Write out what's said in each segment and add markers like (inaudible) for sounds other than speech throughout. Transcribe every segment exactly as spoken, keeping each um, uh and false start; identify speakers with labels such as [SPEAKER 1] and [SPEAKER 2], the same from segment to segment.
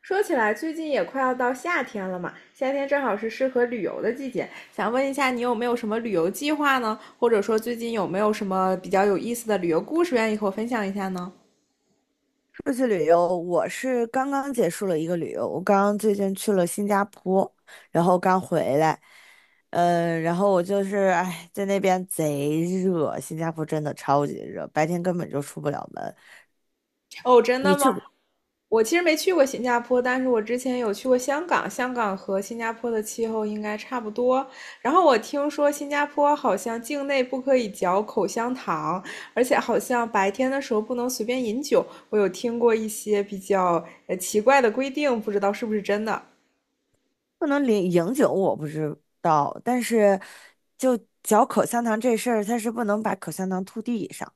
[SPEAKER 1] 说起来，最近也快要到夏天了嘛，夏天正好是适合旅游的季节。想问一下，你有没有什么旅游计划呢？或者说，最近有没有什么比较有意思的旅游故事愿意和我分享一下呢？
[SPEAKER 2] 出去旅游，我是刚刚结束了一个旅游，我刚刚最近去了新加坡，然后刚回来，嗯，然后我就是哎，在那边贼热，新加坡真的超级热，白天根本就出不了门。
[SPEAKER 1] 哦，真
[SPEAKER 2] 你
[SPEAKER 1] 的吗？
[SPEAKER 2] 去
[SPEAKER 1] 我其实没去过新加坡，但是我之前有去过香港，香港和新加坡的气候应该差不多。然后我听说新加坡好像境内不可以嚼口香糖，而且好像白天的时候不能随便饮酒。我有听过一些比较呃奇怪的规定，不知道是不是真的。
[SPEAKER 2] 不能领饮酒我不知道，但是就嚼口香糖这事儿，它是不能把口香糖吐地上。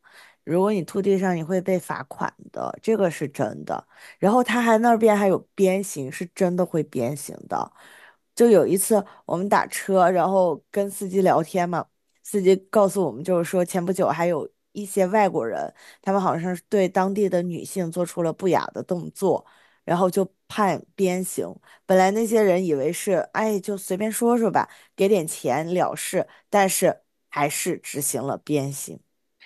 [SPEAKER 2] 如果你吐地上，你会被罚款的，这个是真的。然后他还那边还有鞭刑，是真的会鞭刑的。就有一次我们打车，然后跟司机聊天嘛，司机告诉我们就是说，前不久还有一些外国人，他们好像是对当地的女性做出了不雅的动作，然后就判鞭刑。本来那些人以为是，哎，就随便说说吧，给点钱了事，但是还是执行了鞭刑，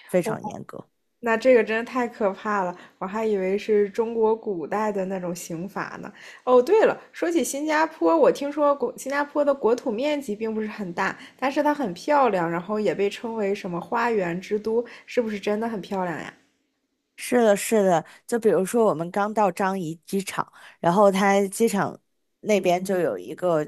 [SPEAKER 2] 非常严格。
[SPEAKER 1] 那这个真的太可怕了，我还以为是中国古代的那种刑法呢。哦，对了，说起新加坡，我听说国新加坡的国土面积并不是很大，但是它很漂亮，然后也被称为什么花园之都，是不是真的很漂亮呀？
[SPEAKER 2] 是的，是的，就比如说我们刚到张掖机场，然后它机场那边就有一个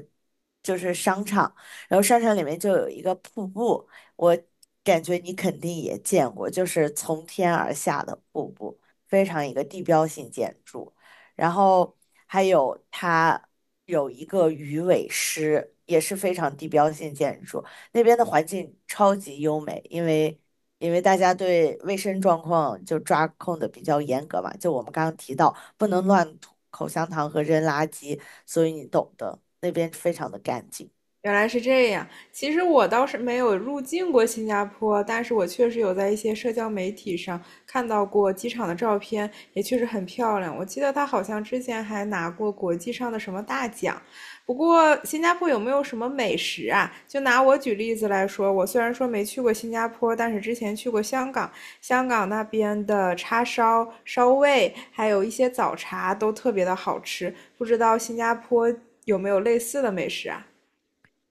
[SPEAKER 2] 就是商场，然后商场里面就有一个瀑布，我感觉你肯定也见过，就是从天而下的瀑布，非常一个地标性建筑，然后还有它有一个鱼尾狮，也是非常地标性建筑，那边的环境超级优美，因为。因为大家对卫生状况就抓控的比较严格嘛，就我们刚刚提到，不能乱吐口香糖和扔垃圾，所以你懂的，那边非常的干净。
[SPEAKER 1] 原来是这样。其实我倒是没有入境过新加坡，但是我确实有在一些社交媒体上看到过机场的照片，也确实很漂亮。我记得它好像之前还拿过国际上的什么大奖。不过，新加坡有没有什么美食啊？就拿我举例子来说，我虽然说没去过新加坡，但是之前去过香港，香港那边的叉烧、烧味，还有一些早茶都特别的好吃。不知道新加坡有没有类似的美食啊？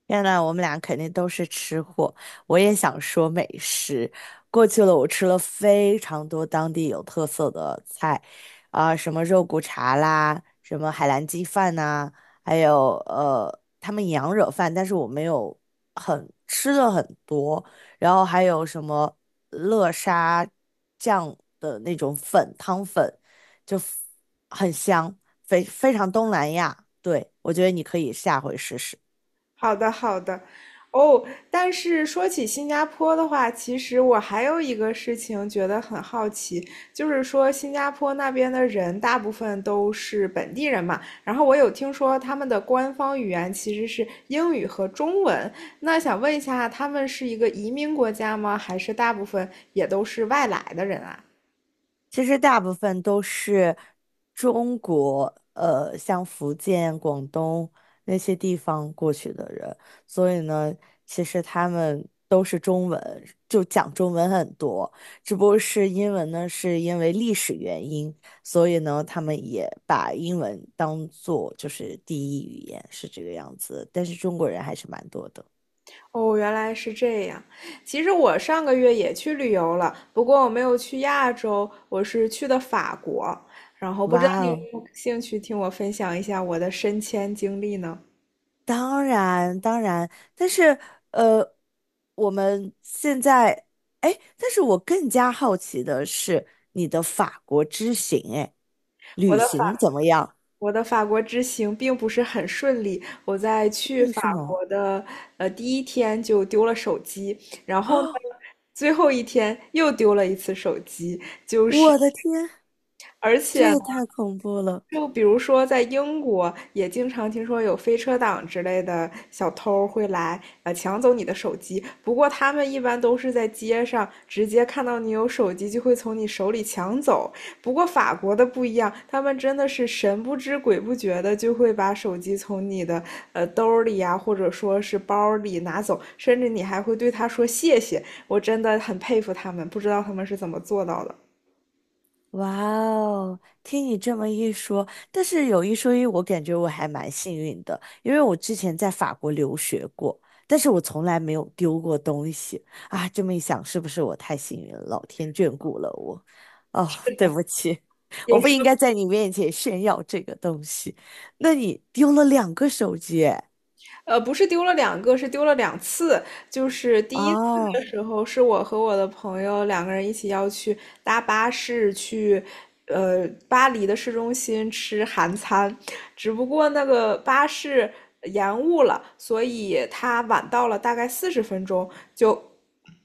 [SPEAKER 2] 天呐，我们俩肯定都是吃货。我也想说美食。过去了，我吃了非常多当地有特色的菜，啊、什么肉骨茶啦，什么海南鸡饭呐、还有呃，他们羊惹饭，但是我没有很吃的很多。然后还有什么乐沙酱的那种粉汤粉，就很香，非非常东南亚。对，我觉得你可以下回试试。
[SPEAKER 1] 好的，好的。哦，但是说起新加坡的话，其实我还有一个事情觉得很好奇，就是说新加坡那边的人大部分都是本地人嘛，然后我有听说他们的官方语言其实是英语和中文，那想问一下，他们是一个移民国家吗？还是大部分也都是外来的人啊？
[SPEAKER 2] 其实大部分都是中国，呃，像福建、广东那些地方过去的人，所以呢，其实他们都是中文，就讲中文很多。只不过是英文呢，是因为历史原因，所以呢，他们也把英文当做就是第一语言，是这个样子。但是中国人还是蛮多的。
[SPEAKER 1] 哦，原来是这样。其实我上个月也去旅游了，不过我没有去亚洲，我是去的法国。然后不知道
[SPEAKER 2] 哇
[SPEAKER 1] 你有没
[SPEAKER 2] 哦！
[SPEAKER 1] 有兴趣听我分享一下我的升迁经历呢？
[SPEAKER 2] 当然，当然，但是呃，我们现在，哎，但是我更加好奇的是你的法国之行，哎，
[SPEAKER 1] 我
[SPEAKER 2] 旅
[SPEAKER 1] 的
[SPEAKER 2] 行怎
[SPEAKER 1] 法
[SPEAKER 2] 么样？
[SPEAKER 1] 我的法国之行并不是很顺利，我在去
[SPEAKER 2] 为
[SPEAKER 1] 法
[SPEAKER 2] 什么？
[SPEAKER 1] 国的呃第一天就丢了手机，然
[SPEAKER 2] (gasps)
[SPEAKER 1] 后呢，
[SPEAKER 2] 啊，
[SPEAKER 1] 最后一天又丢了一次手机，
[SPEAKER 2] 我的天，
[SPEAKER 1] 而
[SPEAKER 2] 这
[SPEAKER 1] 且呢
[SPEAKER 2] 也太恐怖了！
[SPEAKER 1] 就比如说，在英国也经常听说有飞车党之类的小偷会来，呃，抢走你的手机。不过他们一般都是在街上直接看到你有手机，就会从你手里抢走。不过法国的不一样，他们真的是神不知鬼不觉的就会把手机从你的呃兜里呀、或者说是包里拿走，甚至你还会对他说谢谢。我真的很佩服他们，不知道他们是怎么做到的。
[SPEAKER 2] 哇哦，听你这么一说，但是有一说一，我感觉我还蛮幸运的，因为我之前在法国留学过，但是我从来没有丢过东西啊。这么一想，是不是我太幸运了？老天眷顾了我。哦，
[SPEAKER 1] 是
[SPEAKER 2] 对
[SPEAKER 1] 的，
[SPEAKER 2] 不起，(laughs) 我
[SPEAKER 1] 也
[SPEAKER 2] 不
[SPEAKER 1] 是
[SPEAKER 2] 应该在你面前炫耀这个东西。那你丢了两个手机诶
[SPEAKER 1] 呃，不是丢了两个，是丢了两次。就是第一次
[SPEAKER 2] 哦，
[SPEAKER 1] 的时候，是我和我的朋友两个人一起要去搭巴士去，呃，巴黎的市中心吃韩餐，只不过那个巴士延误了，所以他晚到了大概四十分钟，就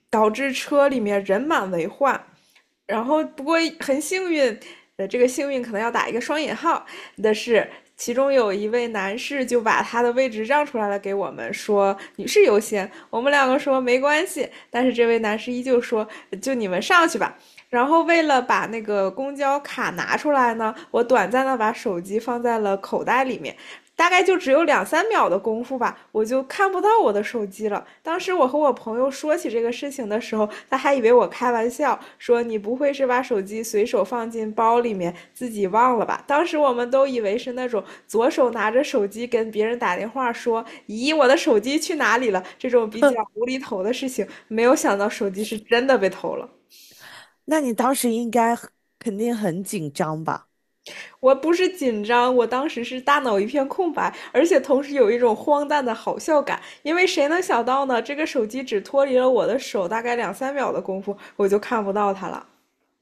[SPEAKER 1] 导致车里面人满为患。然后不过很幸运，呃，这个幸运可能要打一个双引号的是，其中有一位男士就把他的位置让出来了给我们，说女士优先。我们两个说没关系，但是这位男士依旧说就你们上去吧。然后为了把那个公交卡拿出来呢，我短暂的把手机放在了口袋里面，大概就只有两三秒的功夫吧，我就看不到我的手机了。当时我和我朋友说起这个事情的时候，他还以为我开玩笑，说你不会是把手机随手放进包里面自己忘了吧？当时我们都以为是那种左手拿着手机跟别人打电话说，咦，我的手机去哪里了？这种比较无厘头的事情，没有想到手机是真的被偷了。
[SPEAKER 2] 那你当时应该很肯定很紧张吧？
[SPEAKER 1] 我不是紧张，我当时是大脑一片空白，而且同时有一种荒诞的好笑感，因为谁能想到呢？这个手机只脱离了我的手大概两三秒的功夫，我就看不到它了。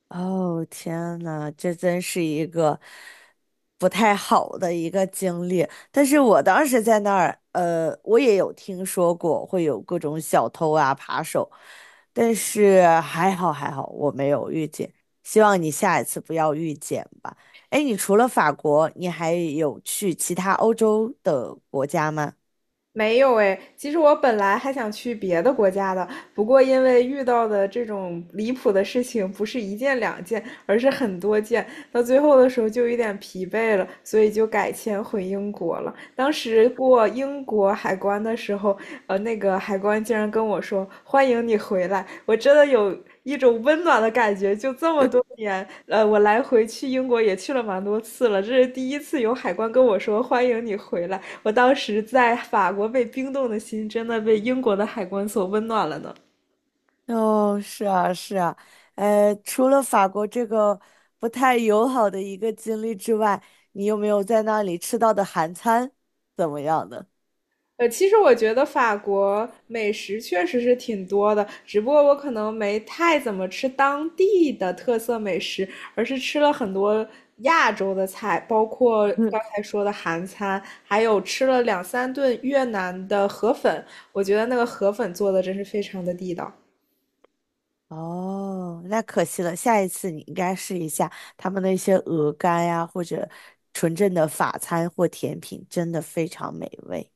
[SPEAKER 2] 哦，天呐，这真是一个不太好的一个经历。但是我当时在那儿，呃，我也有听说过会有各种小偷啊、扒手，但是还好还好，我没有遇见。希望你下一次不要遇见吧。哎，你除了法国，你还有去其他欧洲的国家吗？
[SPEAKER 1] 没有诶，其实我本来还想去别的国家的，不过因为遇到的这种离谱的事情不是一件两件，而是很多件，到最后的时候就有点疲惫了，所以就改签回英国了。当时过英国海关的时候，呃，那个海关竟然跟我说：“欢迎你回来。”我真的有一种温暖的感觉，就这么多年，呃，我来回去英国也去了蛮多次了，这是第一次有海关跟我说欢迎你回来。我当时在法国被冰冻的心，真的被英国的海关所温暖了呢。
[SPEAKER 2] 哦，是啊，是啊，呃，除了法国这个不太友好的一个经历之外，你有没有在那里吃到的韩餐怎么样的？
[SPEAKER 1] 呃，其实我觉得法国美食确实是挺多的，只不过我可能没太怎么吃当地的特色美食，而是吃了很多亚洲的菜，包括刚
[SPEAKER 2] (laughs)
[SPEAKER 1] 才说的韩餐，还有吃了两三顿越南的河粉，我觉得那个河粉做的真是非常的地道。
[SPEAKER 2] 哦，那可惜了，下一次你应该试一下他们那些鹅肝呀，或者纯正的法餐或甜品，真的非常美味。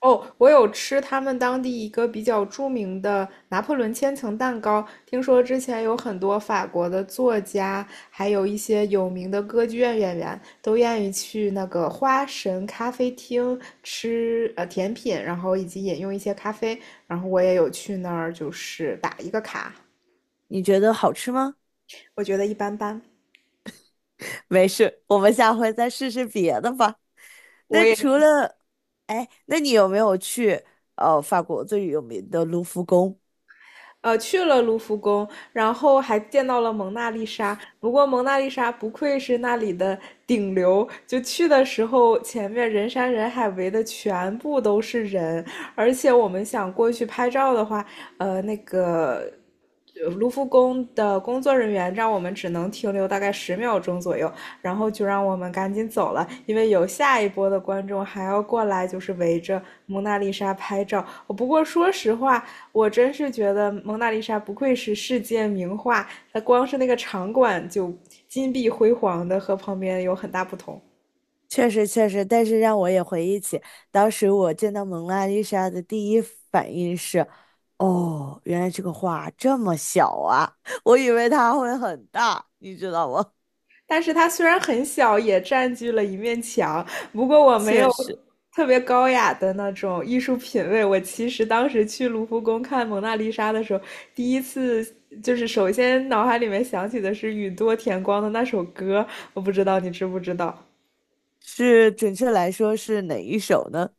[SPEAKER 1] 哦，我有吃他们当地一个比较著名的拿破仑千层蛋糕，听说之前有很多法国的作家，还有一些有名的歌剧院演员都愿意去那个花神咖啡厅吃呃甜品，然后以及饮用一些咖啡，然后我也有去那儿就是打一个卡，
[SPEAKER 2] 你觉得好吃吗？
[SPEAKER 1] 我觉得一般般。
[SPEAKER 2] 没事，我们下回再试试别的吧。
[SPEAKER 1] 我
[SPEAKER 2] 那
[SPEAKER 1] 也。
[SPEAKER 2] 除了，哎，那你有没有去呃法国最有名的卢浮宫？
[SPEAKER 1] 呃，去了卢浮宫，然后还见到了蒙娜丽莎。不过蒙娜丽莎不愧是那里的顶流，就去的时候前面人山人海围的全部都是人，而且我们想过去拍照的话，呃，那个。呃卢浮宫的工作人员让我们只能停留大概十秒钟左右，然后就让我们赶紧走了，因为有下一波的观众还要过来，就是围着蒙娜丽莎拍照。哦不过说实话，我真是觉得蒙娜丽莎不愧是世界名画，它光是那个场馆就金碧辉煌的，和旁边有很大不同。
[SPEAKER 2] 确实确实，但是让我也回忆起当时我见到蒙娜丽莎的第一反应是，哦，原来这个画这么小啊，(laughs) 我以为它会很大，你知道吗？
[SPEAKER 1] 但是它虽然很小，也占据了一面墙。不过
[SPEAKER 2] (laughs)
[SPEAKER 1] 我没有
[SPEAKER 2] 确实
[SPEAKER 1] 特别高雅的那种艺术品味。我其实当时去卢浮宫看《蒙娜丽莎》的时候，第一次就是首先脑海里面想起的是宇多田光的那首歌，我不知道你知不知道。
[SPEAKER 2] 是，准确来说是哪一首呢？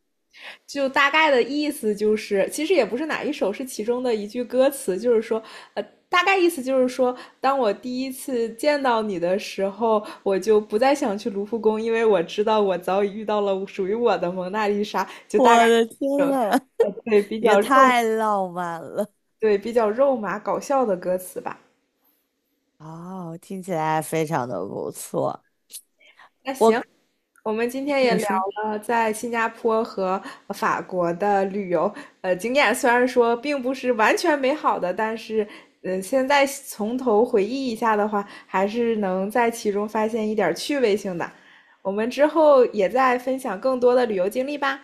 [SPEAKER 1] 就大概的意思就是，其实也不是哪一首，是其中的一句歌词，就是说，呃，大概意思就是说，当我第一次见到你的时候，我就不再想去卢浮宫，因为我知道我早已遇到了属于我的蒙娜丽莎。就大概
[SPEAKER 2] 我的
[SPEAKER 1] 这
[SPEAKER 2] 天
[SPEAKER 1] 种
[SPEAKER 2] 呐，
[SPEAKER 1] 呃，对，
[SPEAKER 2] (laughs)
[SPEAKER 1] 比
[SPEAKER 2] 也
[SPEAKER 1] 较肉，
[SPEAKER 2] 太浪漫了。
[SPEAKER 1] 对，比较肉麻搞笑的歌词吧。
[SPEAKER 2] 哦，听起来非常的不错。我，
[SPEAKER 1] 我们今天也
[SPEAKER 2] 你
[SPEAKER 1] 聊
[SPEAKER 2] 说，
[SPEAKER 1] 了在新加坡和法国的旅游，呃，经验虽然说并不是完全美好的，但是，嗯，现在从头回忆一下的话，还是能在其中发现一点趣味性的。我们之后也再分享更多的旅游经历吧。